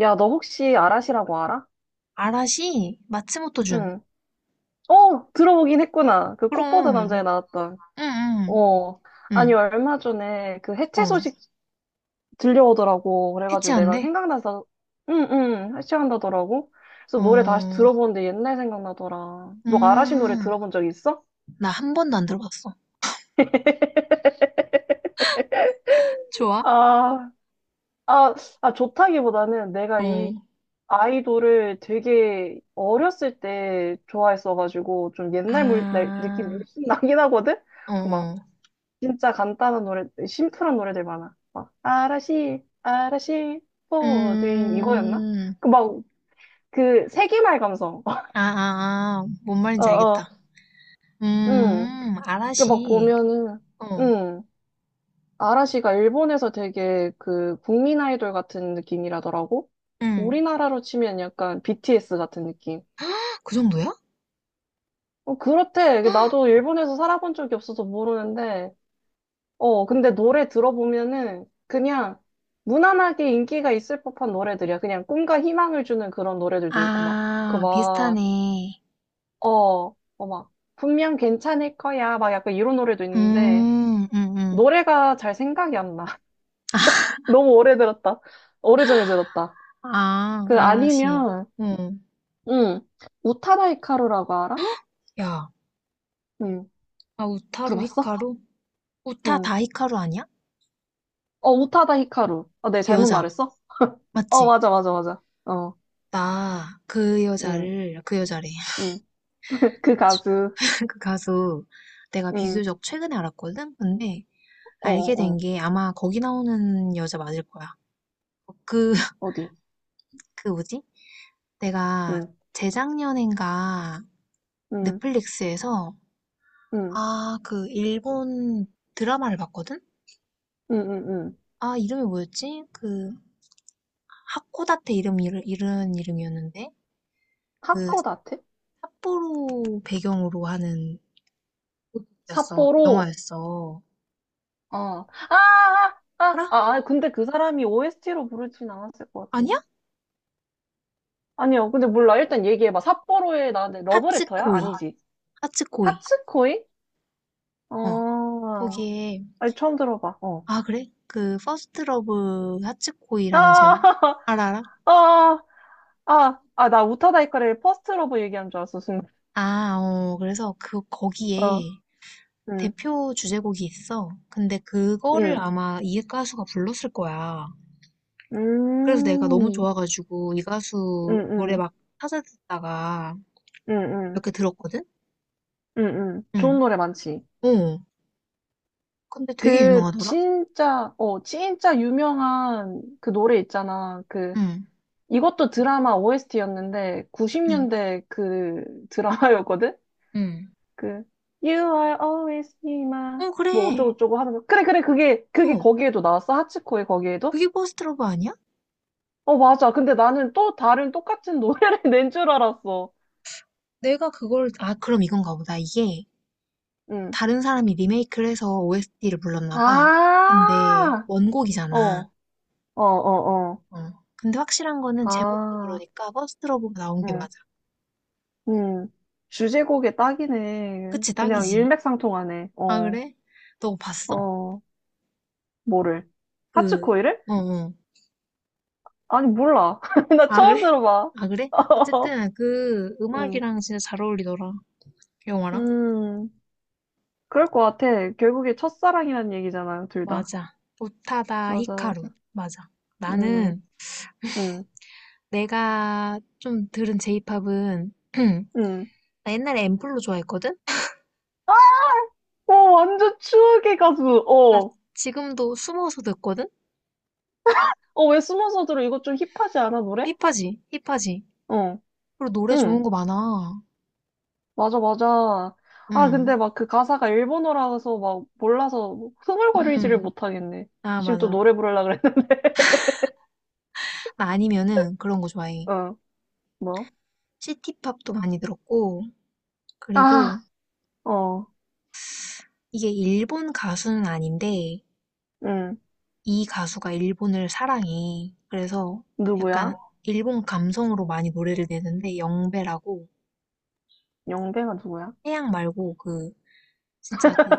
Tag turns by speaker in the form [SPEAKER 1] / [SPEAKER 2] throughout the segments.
[SPEAKER 1] 야, 너 혹시 아라시라고 알아?
[SPEAKER 2] 아라시 마츠모토준.
[SPEAKER 1] 응. 어, 들어보긴 했구나. 그 꽃보다
[SPEAKER 2] 그럼.
[SPEAKER 1] 남자에 나왔던.
[SPEAKER 2] 응, 응,
[SPEAKER 1] 어.
[SPEAKER 2] 응.
[SPEAKER 1] 아니, 얼마 전에 그 해체
[SPEAKER 2] 어.
[SPEAKER 1] 소식 들려오더라고. 그래가지고 내가
[SPEAKER 2] 해체한대?
[SPEAKER 1] 생각나서, 응, 응, 해체한다더라고. 그래서 노래 다시
[SPEAKER 2] 어,
[SPEAKER 1] 들어보는데 옛날 생각나더라. 너 아라시 노래
[SPEAKER 2] 음.
[SPEAKER 1] 들어본 적 있어?
[SPEAKER 2] 나 한 번도 안 들어봤어. 좋아?
[SPEAKER 1] 아, 아, 아, 좋다기보다는 내가
[SPEAKER 2] 어.
[SPEAKER 1] 이 아이돌을 되게 어렸을 때 좋아했어가지고 좀 옛날 물, 날, 느낌
[SPEAKER 2] 아,
[SPEAKER 1] 물씬 나긴 하거든?
[SPEAKER 2] 어, 어.
[SPEAKER 1] 진짜 간단한 노래, 심플한 노래들 많아. 막, 아라시, 아라시, 포지, 이거였나?
[SPEAKER 2] 음.
[SPEAKER 1] 그 막, 그 세기말 감성.
[SPEAKER 2] 아, 아, 아. 뭔
[SPEAKER 1] 어,
[SPEAKER 2] 말인지 알겠다.
[SPEAKER 1] 어, 응. 그 막
[SPEAKER 2] 아라시.
[SPEAKER 1] 보면은,
[SPEAKER 2] 어,
[SPEAKER 1] 응. 아라시가 일본에서 되게 그 국민 아이돌 같은 느낌이라더라고?
[SPEAKER 2] 응.
[SPEAKER 1] 우리나라로 치면 약간 BTS 같은 느낌.
[SPEAKER 2] 헉, 그 정도야?
[SPEAKER 1] 어, 그렇대.
[SPEAKER 2] 헉,
[SPEAKER 1] 나도 일본에서 살아본 적이 없어서 모르는데, 어, 근데 노래 들어보면은 그냥 무난하게 인기가 있을 법한 노래들이야. 그냥 꿈과 희망을 주는 그런 노래들도 있고, 막, 그
[SPEAKER 2] 아,
[SPEAKER 1] 막,
[SPEAKER 2] 비슷하네.
[SPEAKER 1] 어, 어, 막, 분명 괜찮을 거야. 막 약간 이런 노래도 있는데,
[SPEAKER 2] 음, 음, 음.
[SPEAKER 1] 노래가 잘 생각이 안 나. 너무 오래 들었다. 오래전에 들었다.
[SPEAKER 2] 아,
[SPEAKER 1] 그
[SPEAKER 2] 아라시.
[SPEAKER 1] 아니면,
[SPEAKER 2] 응.
[SPEAKER 1] 응, 우타다 히카루라고 알아?
[SPEAKER 2] 야,
[SPEAKER 1] 응,
[SPEAKER 2] 아, 우타루
[SPEAKER 1] 들어봤어?
[SPEAKER 2] 히카루? 우타
[SPEAKER 1] 응.
[SPEAKER 2] 다 히카루 아니야?
[SPEAKER 1] 어, 우타다 히카루. 어, 네, 잘못
[SPEAKER 2] 여자.
[SPEAKER 1] 말했어? 어,
[SPEAKER 2] 맞지?
[SPEAKER 1] 맞아, 맞아, 맞아. 어,
[SPEAKER 2] 나 그
[SPEAKER 1] 응,
[SPEAKER 2] 여자를, 그 여자래.
[SPEAKER 1] 응. 그 가수.
[SPEAKER 2] 그 가수 내가
[SPEAKER 1] 응.
[SPEAKER 2] 비교적 최근에 알았거든? 근데
[SPEAKER 1] 어, 어,
[SPEAKER 2] 알게 된
[SPEAKER 1] 어.
[SPEAKER 2] 게 아마 거기 나오는 여자 맞을 거야. 어, 그,
[SPEAKER 1] 어디?
[SPEAKER 2] 그 뭐지? 내가
[SPEAKER 1] 응,
[SPEAKER 2] 재작년인가
[SPEAKER 1] 응,
[SPEAKER 2] 넷플릭스에서
[SPEAKER 1] 응,
[SPEAKER 2] 아, 그 일본 드라마를 봤거든?
[SPEAKER 1] 응, 응, 응.
[SPEAKER 2] 아, 이름이 뭐였지? 그 하코다테 이름, 이런 이름이었는데? 그
[SPEAKER 1] 하코다테?
[SPEAKER 2] 삿포로 배경으로 하는 였어.
[SPEAKER 1] 삿포로?
[SPEAKER 2] 영화였어.
[SPEAKER 1] 어. 아, 아, 아,
[SPEAKER 2] 알아?
[SPEAKER 1] 아, 아, 근데 그 사람이 OST로 부르진 않았을 것
[SPEAKER 2] 아니야?
[SPEAKER 1] 같은데. 아니요, 근데 몰라. 일단 얘기해봐. 삿포로의 나한테 러브레터야?
[SPEAKER 2] 하츠코이.
[SPEAKER 1] 아니지.
[SPEAKER 2] 하츠코이.
[SPEAKER 1] 하츠코이?
[SPEAKER 2] 어. 어.
[SPEAKER 1] 어,
[SPEAKER 2] 거기에
[SPEAKER 1] 아니, 처음 들어봐. 어.
[SPEAKER 2] 아 그래? 그 퍼스트 러브
[SPEAKER 1] 아,
[SPEAKER 2] 하츠코이라는 제목 알아?
[SPEAKER 1] 아, 아, 아, 나 우타다이카를 퍼스트 러브 얘기한 줄 알았어, 순간.
[SPEAKER 2] 아, 어. 그래서 그 거기에
[SPEAKER 1] 어, 응,
[SPEAKER 2] 대표 주제곡이 있어. 근데 그거를
[SPEAKER 1] 응,
[SPEAKER 2] 아마 이 가수가 불렀을 거야.
[SPEAKER 1] 음,
[SPEAKER 2] 그래서 내가 너무
[SPEAKER 1] 음,
[SPEAKER 2] 좋아가지고 이 가수 노래
[SPEAKER 1] 음,
[SPEAKER 2] 막 찾아 듣다가 몇
[SPEAKER 1] 음.
[SPEAKER 2] 개 들었거든?
[SPEAKER 1] 응, 응.
[SPEAKER 2] 응.
[SPEAKER 1] 좋은 노래 많지.
[SPEAKER 2] 어. 근데 되게
[SPEAKER 1] 그,
[SPEAKER 2] 유명하더라?
[SPEAKER 1] 진짜, 어, 진짜 유명한 그 노래 있잖아. 그,
[SPEAKER 2] 응.
[SPEAKER 1] 이것도 드라마 OST였는데,
[SPEAKER 2] 응.
[SPEAKER 1] 90년대 그 드라마였거든?
[SPEAKER 2] 응.
[SPEAKER 1] 그, You are always be my,
[SPEAKER 2] 어,
[SPEAKER 1] 뭐
[SPEAKER 2] 그래.
[SPEAKER 1] 어쩌고저쩌고 하는 거. 그래, 그래, 그게, 그게
[SPEAKER 2] 어.
[SPEAKER 1] 거기에도 나왔어? 하치코의 거기에도?
[SPEAKER 2] 그게 버스트 러브 아니야?
[SPEAKER 1] 어, 맞아. 근데 나는 또 다른 똑같은 노래를 낸 줄 알았어.
[SPEAKER 2] 내가 그걸, 아, 그럼 이건가 보다. 이게
[SPEAKER 1] 응.
[SPEAKER 2] 다른 사람이 리메이크를 해서 OST를 불렀나 봐. 근데
[SPEAKER 1] 아, 어, 어,
[SPEAKER 2] 원곡이잖아.
[SPEAKER 1] 어, 어.
[SPEAKER 2] 어. 근데 확실한 거는 제목도
[SPEAKER 1] 아,
[SPEAKER 2] 그러니까 버스트 러브가 나온 게
[SPEAKER 1] 응.
[SPEAKER 2] 맞아.
[SPEAKER 1] 음, 주제곡에 딱이네.
[SPEAKER 2] 그치,
[SPEAKER 1] 그냥
[SPEAKER 2] 딱이지.
[SPEAKER 1] 일맥상통하네.
[SPEAKER 2] 아,
[SPEAKER 1] 어,
[SPEAKER 2] 그래? 너 봤어?
[SPEAKER 1] 어, 뭐를?
[SPEAKER 2] 그,
[SPEAKER 1] 하츠코이를?
[SPEAKER 2] 어, 어.
[SPEAKER 1] 아니, 몰라. 나
[SPEAKER 2] 아, 그래?
[SPEAKER 1] 처음 들어봐.
[SPEAKER 2] 아, 그래? 어쨌든 그
[SPEAKER 1] 음,
[SPEAKER 2] 음악이랑 진짜 잘 어울리더라. 영화랑.
[SPEAKER 1] 음, 그럴 것 같아. 결국에 첫사랑이란 얘기잖아요, 둘 다.
[SPEAKER 2] 맞아. 오타다
[SPEAKER 1] 맞아,
[SPEAKER 2] 히카루.
[SPEAKER 1] 맞아.
[SPEAKER 2] 맞아.
[SPEAKER 1] 음,
[SPEAKER 2] 나는
[SPEAKER 1] 음,
[SPEAKER 2] 내가 좀 들은 제이팝은
[SPEAKER 1] 음.
[SPEAKER 2] 나 옛날에 앰플로 좋아했거든?
[SPEAKER 1] 어, 완전 추억의 가수.
[SPEAKER 2] 나
[SPEAKER 1] 어,
[SPEAKER 2] 지금도 숨어서 듣거든?
[SPEAKER 1] 어, 왜 숨어서 들어? 이거 좀 힙하지 않아, 노래?
[SPEAKER 2] 힙하지? 힙하지?
[SPEAKER 1] 어,
[SPEAKER 2] 그리고 노래 좋은
[SPEAKER 1] 응.
[SPEAKER 2] 거 많아.
[SPEAKER 1] 맞아, 맞아. 아,
[SPEAKER 2] 응.
[SPEAKER 1] 근데 막 그 가사가 일본어라서 막 몰라서 뭐 흥얼거리지를
[SPEAKER 2] 응.
[SPEAKER 1] 못하겠네.
[SPEAKER 2] 아,
[SPEAKER 1] 지금 또
[SPEAKER 2] 맞아.
[SPEAKER 1] 노래 부르려고 그랬는데.
[SPEAKER 2] 나 아니면은 그런 거 좋아해.
[SPEAKER 1] 어, 뭐?
[SPEAKER 2] 시티팝도 많이 들었고, 그리고
[SPEAKER 1] 아, 어,
[SPEAKER 2] 이게 일본 가수는 아닌데,
[SPEAKER 1] 응.
[SPEAKER 2] 이 가수가 일본을 사랑해. 그래서 약간
[SPEAKER 1] 누구야?
[SPEAKER 2] 일본 감성으로 많이 노래를 내는데, 영배라고,
[SPEAKER 1] 영배가 누구야?
[SPEAKER 2] 태양 말고 그, 진짜 그,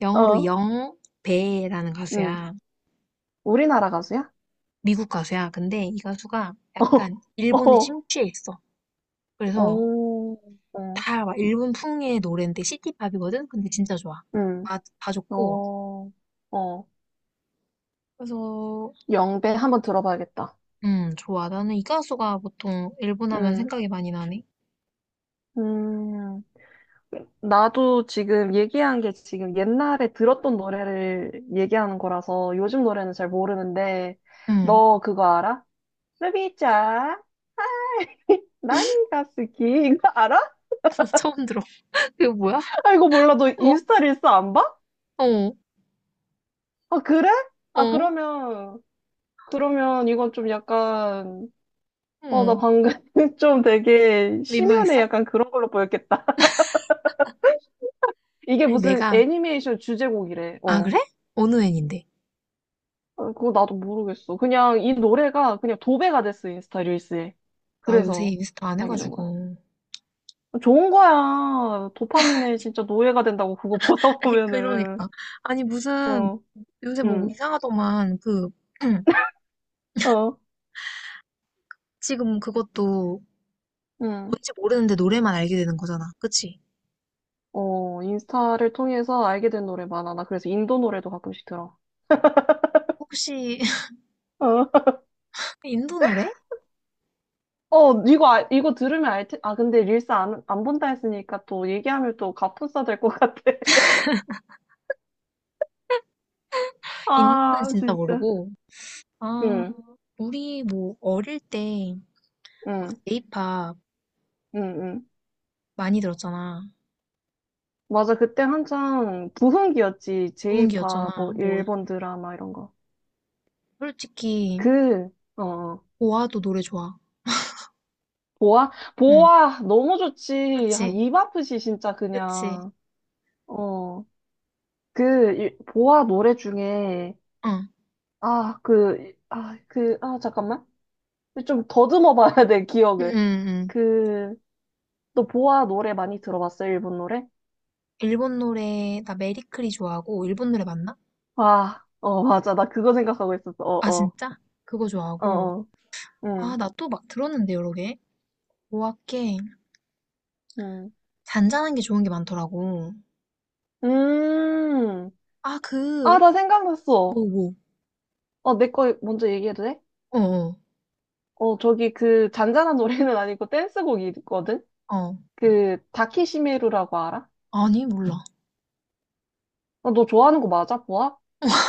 [SPEAKER 2] 영어로
[SPEAKER 1] 어,
[SPEAKER 2] 영배라는
[SPEAKER 1] 응.
[SPEAKER 2] 가수야.
[SPEAKER 1] 우리나라 가수야?
[SPEAKER 2] 미국 가수야. 근데 이 가수가 약간
[SPEAKER 1] 어,
[SPEAKER 2] 일본에
[SPEAKER 1] 어,
[SPEAKER 2] 심취해 있어. 그래서
[SPEAKER 1] 오, 어,
[SPEAKER 2] 다 막 일본풍의 노래인데 시티팝이거든? 근데 진짜 좋아.
[SPEAKER 1] 응.
[SPEAKER 2] 다 좋고.
[SPEAKER 1] 어, 어.
[SPEAKER 2] 그래서,
[SPEAKER 1] 영배 한번 들어봐야겠다.
[SPEAKER 2] 좋아. 나는 이 가수가 보통 일본 하면
[SPEAKER 1] 응,
[SPEAKER 2] 생각이 많이 나네.
[SPEAKER 1] 음, 나도 지금 얘기한 게 지금 옛날에 들었던 노래를 얘기하는 거라서 요즘 노래는 잘 모르는데,
[SPEAKER 2] 음,
[SPEAKER 1] 너 그거 알아? 루비짱, 나니가 스키. 이거 알아?
[SPEAKER 2] 처음 들어. 그거 뭐야?
[SPEAKER 1] 아, 이거 몰라. 너
[SPEAKER 2] 어,
[SPEAKER 1] 인스타 릴스 안 봐?
[SPEAKER 2] 어,
[SPEAKER 1] 아, 그래? 아,
[SPEAKER 2] 어,
[SPEAKER 1] 그러면, 그러면 이건 좀 약간, 어, 나
[SPEAKER 2] 어.
[SPEAKER 1] 방금 좀 되게 심연에
[SPEAKER 2] 민망했어?
[SPEAKER 1] 약간 그런 걸로 보였겠다. 이게
[SPEAKER 2] 아니,
[SPEAKER 1] 무슨
[SPEAKER 2] 내가,
[SPEAKER 1] 애니메이션 주제곡이래.
[SPEAKER 2] 아,
[SPEAKER 1] 어.
[SPEAKER 2] 그래? 어느 애인데?
[SPEAKER 1] 어, 그거 나도 모르겠어. 그냥 이 노래가 그냥 도배가 됐어, 인스타 릴스에.
[SPEAKER 2] 나 요새
[SPEAKER 1] 그래서
[SPEAKER 2] 인스타 안
[SPEAKER 1] 알게 된 거야.
[SPEAKER 2] 해가지고.
[SPEAKER 1] 좋은 거야. 도파민에 진짜 노예가 된다고 그거 보다
[SPEAKER 2] 아니,
[SPEAKER 1] 보면은.
[SPEAKER 2] 그러니까. 아니, 무슨,
[SPEAKER 1] 어,
[SPEAKER 2] 요새 뭐
[SPEAKER 1] 응,
[SPEAKER 2] 이상하더만, 그,
[SPEAKER 1] 어,
[SPEAKER 2] 지금 그것도
[SPEAKER 1] 응.
[SPEAKER 2] 뭔지 모르는데 노래만 알게 되는 거잖아. 그치?
[SPEAKER 1] 어, 인스타를 통해서 알게 된 노래 많아. 나 그래서 인도 노래도 가끔씩 들어.
[SPEAKER 2] 혹시
[SPEAKER 1] 어,
[SPEAKER 2] 인도 노래?
[SPEAKER 1] 어, 이거, 이거 들으면 알 테, 아, 근데 릴스 안 본다 했으니까 또 얘기하면 또 갑분싸 될 것 같아.
[SPEAKER 2] 인도는
[SPEAKER 1] 아,
[SPEAKER 2] 진짜
[SPEAKER 1] 진짜.
[SPEAKER 2] 모르고. 아,
[SPEAKER 1] 응,
[SPEAKER 2] 우리 뭐 어릴 때 막
[SPEAKER 1] 응,
[SPEAKER 2] J-pop
[SPEAKER 1] 응, 응.
[SPEAKER 2] 많이 들었잖아.
[SPEAKER 1] 맞아. 그때 한창 부흥기였지. 제이팝,
[SPEAKER 2] 노은기였잖아.
[SPEAKER 1] 뭐,
[SPEAKER 2] 뭐
[SPEAKER 1] 일본 드라마 이런 거.
[SPEAKER 2] 솔직히
[SPEAKER 1] 그, 어, 어.
[SPEAKER 2] 보아도 노래 좋아.
[SPEAKER 1] 보아?
[SPEAKER 2] 응.
[SPEAKER 1] 보아! 너무 좋지. 야,
[SPEAKER 2] 그치?
[SPEAKER 1] 입 아프지, 진짜,
[SPEAKER 2] 그치?
[SPEAKER 1] 그냥. 어, 그, 보아 노래 중에,
[SPEAKER 2] 응.
[SPEAKER 1] 아, 그, 아, 그, 아, 잠깐만. 좀 더듬어 봐야 돼,
[SPEAKER 2] 응,
[SPEAKER 1] 기억을.
[SPEAKER 2] 응, 응.
[SPEAKER 1] 그, 또 보아 노래 많이 들어봤어, 일본 노래?
[SPEAKER 2] 일본 노래 나 메리크리 좋아하고 일본 노래 맞나?
[SPEAKER 1] 아, 어, 맞아. 나 그거 생각하고 있었어.
[SPEAKER 2] 아
[SPEAKER 1] 어, 어,
[SPEAKER 2] 진짜? 그거
[SPEAKER 1] 어,
[SPEAKER 2] 좋아하고.
[SPEAKER 1] 어,
[SPEAKER 2] 아,
[SPEAKER 1] 응,
[SPEAKER 2] 나 또 막 들었는데 여러 개. 보아께
[SPEAKER 1] 응.
[SPEAKER 2] 잔잔한 게 좋은 게 많더라고.
[SPEAKER 1] 음.
[SPEAKER 2] 아,
[SPEAKER 1] 아,
[SPEAKER 2] 그,
[SPEAKER 1] 나 생각났어.
[SPEAKER 2] 뭐, 뭐.
[SPEAKER 1] 어, 내 거 먼저 얘기해도 돼?
[SPEAKER 2] 어, 어.
[SPEAKER 1] 어, 저기 그 잔잔한 노래는 아니고 댄스곡이거든?
[SPEAKER 2] 어,
[SPEAKER 1] 그 다키시메루라고 알아?
[SPEAKER 2] 아니, 몰라.
[SPEAKER 1] 어, 너 좋아하는 거 맞아, 보아?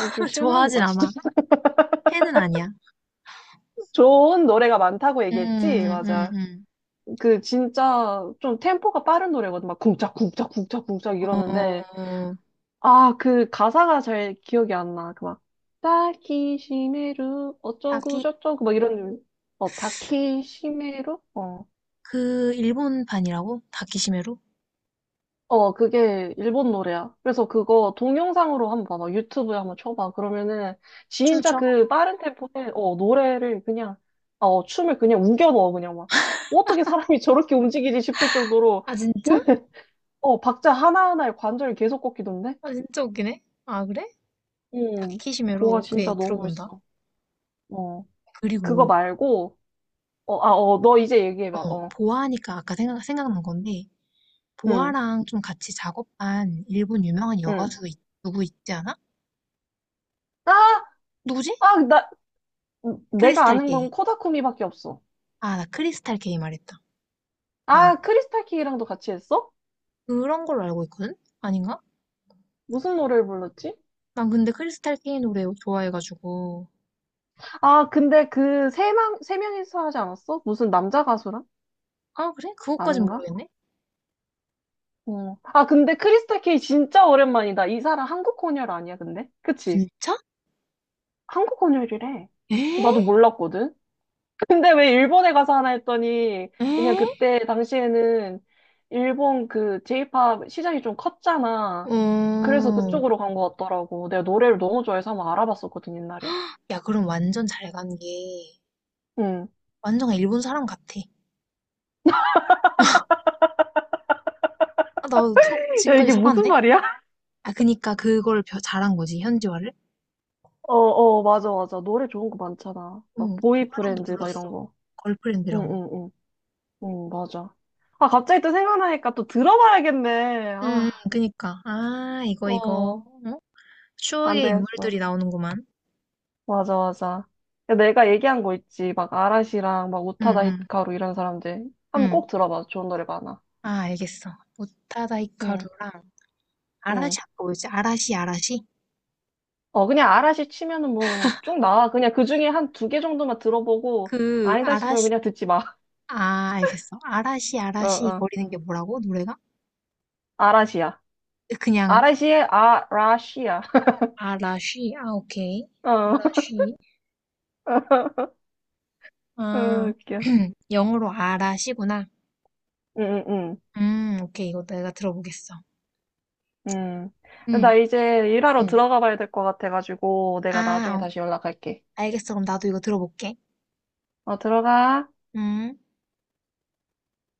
[SPEAKER 1] 요즘
[SPEAKER 2] 좋아하진
[SPEAKER 1] 실망이다, 진짜.
[SPEAKER 2] 않아. 팬은 아니야.
[SPEAKER 1] 좋은 노래가 많다고
[SPEAKER 2] 음,
[SPEAKER 1] 얘기했지?
[SPEAKER 2] 음,
[SPEAKER 1] 맞아.
[SPEAKER 2] 음.
[SPEAKER 1] 그 진짜 좀 템포가 빠른 노래거든. 막 쿵짝, 쿵짝, 쿵짝, 쿵짝 이러는데.
[SPEAKER 2] 어,
[SPEAKER 1] 아, 그 가사가 잘 기억이 안 나. 그 막, 다키시메루,
[SPEAKER 2] 다키,
[SPEAKER 1] 어쩌고 저쩌고, 막 이런, 어, 다키시메루? 어.
[SPEAKER 2] 그, 일본판이라고? 다키시메로?
[SPEAKER 1] 어, 그게 일본 노래야. 그래서 그거 동영상으로 한번 봐봐. 유튜브에 한번 쳐봐. 그러면은 진짜
[SPEAKER 2] 춤춰?
[SPEAKER 1] 그 빠른 템포에 어, 노래를 그냥 어, 춤을 그냥 우겨 넣어 그냥 막. 어떻게 사람이 저렇게 움직이지 싶을 정도로
[SPEAKER 2] 아, 진짜?
[SPEAKER 1] 어, 박자 하나하나에 관절이 계속 꺾이던데?
[SPEAKER 2] 아, 진짜 웃기네. 아, 그래?
[SPEAKER 1] 음.
[SPEAKER 2] 다키시메로.
[SPEAKER 1] 보아
[SPEAKER 2] 오케이,
[SPEAKER 1] 진짜 너무
[SPEAKER 2] 들어본다.
[SPEAKER 1] 멋있어. 어. 그거
[SPEAKER 2] 그리고,
[SPEAKER 1] 말고 어, 아, 어, 너 이제 얘기해 봐.
[SPEAKER 2] 어,
[SPEAKER 1] 어.
[SPEAKER 2] 보아하니까 아까 생각난 건데,
[SPEAKER 1] 응
[SPEAKER 2] 보아랑 좀 같이 작업한 일본 유명한
[SPEAKER 1] 응
[SPEAKER 2] 여가수 누구 있지 않아?
[SPEAKER 1] 아,
[SPEAKER 2] 누구지?
[SPEAKER 1] 아, 나 내가
[SPEAKER 2] 크리스탈
[SPEAKER 1] 아는
[SPEAKER 2] 게이.
[SPEAKER 1] 건 코다쿠미밖에 없어.
[SPEAKER 2] 아, 나 크리스탈 게이 말했다.
[SPEAKER 1] 아, 크리스탈 킹이랑도 같이 했어?
[SPEAKER 2] 그런 걸로 알고 있거든? 아닌가?
[SPEAKER 1] 무슨 노래를 불렀지?
[SPEAKER 2] 난 근데 크리스탈 케이 노래 좋아해가지고.
[SPEAKER 1] 아, 근데 세 명이서 하지 않았어? 무슨 남자 가수랑?
[SPEAKER 2] 아, 그래? 그것까진
[SPEAKER 1] 아닌가?
[SPEAKER 2] 모르겠네?
[SPEAKER 1] 어. 아, 근데 크리스타 케이 진짜 오랜만이다. 이 사람 한국 혼혈 아니야, 근데? 그치?
[SPEAKER 2] 진짜?
[SPEAKER 1] 한국 혼혈이래.
[SPEAKER 2] 에?
[SPEAKER 1] 나도 몰랐거든? 근데 왜 일본에 가서 하나 했더니, 그냥
[SPEAKER 2] 에?
[SPEAKER 1] 그때 당시에는 일본 그 J-pop 시장이 좀 컸잖아. 그래서
[SPEAKER 2] 어,
[SPEAKER 1] 그쪽으로 간 것 같더라고. 내가 노래를 너무 좋아해서 한번 알아봤었거든, 옛날에.
[SPEAKER 2] 야, 그럼 완전 잘 간 게,
[SPEAKER 1] 응.
[SPEAKER 2] 완전 일본 사람 같아. 아, 나
[SPEAKER 1] 야,
[SPEAKER 2] 지금까지
[SPEAKER 1] 이게 무슨
[SPEAKER 2] 속았네?
[SPEAKER 1] 말이야?
[SPEAKER 2] 아, 그니까 그걸 잘한 거지, 현지화를?
[SPEAKER 1] 어, 어, 맞아, 맞아, 노래 좋은 거 많잖아.
[SPEAKER 2] 응,
[SPEAKER 1] 막,
[SPEAKER 2] 보아랑도
[SPEAKER 1] 보이프렌드, 막 이런
[SPEAKER 2] 불렀어.
[SPEAKER 1] 거.
[SPEAKER 2] 걸프렌드
[SPEAKER 1] 응,
[SPEAKER 2] 이런 거.
[SPEAKER 1] 응, 응. 응, 맞아. 아, 갑자기 또 생각나니까 또 들어봐야겠네.
[SPEAKER 2] 응, 응,
[SPEAKER 1] 아,
[SPEAKER 2] 그니까. 아, 이거.
[SPEAKER 1] 어,
[SPEAKER 2] 어?
[SPEAKER 1] 안
[SPEAKER 2] 추억의 인물들이
[SPEAKER 1] 되겠어.
[SPEAKER 2] 나오는구만.
[SPEAKER 1] 맞아, 맞아. 야, 내가 얘기한 거 있지. 막, 아라시랑, 막,
[SPEAKER 2] 응,
[SPEAKER 1] 우타다
[SPEAKER 2] 응,
[SPEAKER 1] 히카루 이런 사람들. 한번
[SPEAKER 2] 응.
[SPEAKER 1] 꼭 들어봐. 좋은 노래 많아.
[SPEAKER 2] 아, 알겠어. 오타다
[SPEAKER 1] 응,
[SPEAKER 2] 히카루랑,
[SPEAKER 1] 응.
[SPEAKER 2] 아라시 아까 뭐였지? 아라시 아라시?
[SPEAKER 1] 어, 그냥 아라시 치면은 뭐, 쭉 나와. 그냥 그 중에 한 두 개 정도만 들어보고,
[SPEAKER 2] 그
[SPEAKER 1] 아니다 싶으면
[SPEAKER 2] 아라시
[SPEAKER 1] 그냥 듣지 마.
[SPEAKER 2] 아 알겠어. 아라시
[SPEAKER 1] 어,
[SPEAKER 2] 아라시
[SPEAKER 1] 어.
[SPEAKER 2] 거리는 게 뭐라고? 노래가?
[SPEAKER 1] 아라시야.
[SPEAKER 2] 그냥
[SPEAKER 1] 아라시의 아라시야.
[SPEAKER 2] 아라시 아 오케이.
[SPEAKER 1] 어.
[SPEAKER 2] 아라시
[SPEAKER 1] 어,
[SPEAKER 2] 아
[SPEAKER 1] 웃겨.
[SPEAKER 2] 영어로 아라시구나.
[SPEAKER 1] 응, 응,
[SPEAKER 2] 오케이 이거 내가 들어보겠어.
[SPEAKER 1] 응. 응.
[SPEAKER 2] 음
[SPEAKER 1] 나 이제 일하러
[SPEAKER 2] 어.
[SPEAKER 1] 들어가 봐야 될 것 같아가지고, 내가 나중에
[SPEAKER 2] 아 어.
[SPEAKER 1] 다시 연락할게.
[SPEAKER 2] 알겠어. 그럼 나도 이거 들어볼게.
[SPEAKER 1] 어, 들어가.
[SPEAKER 2] 음.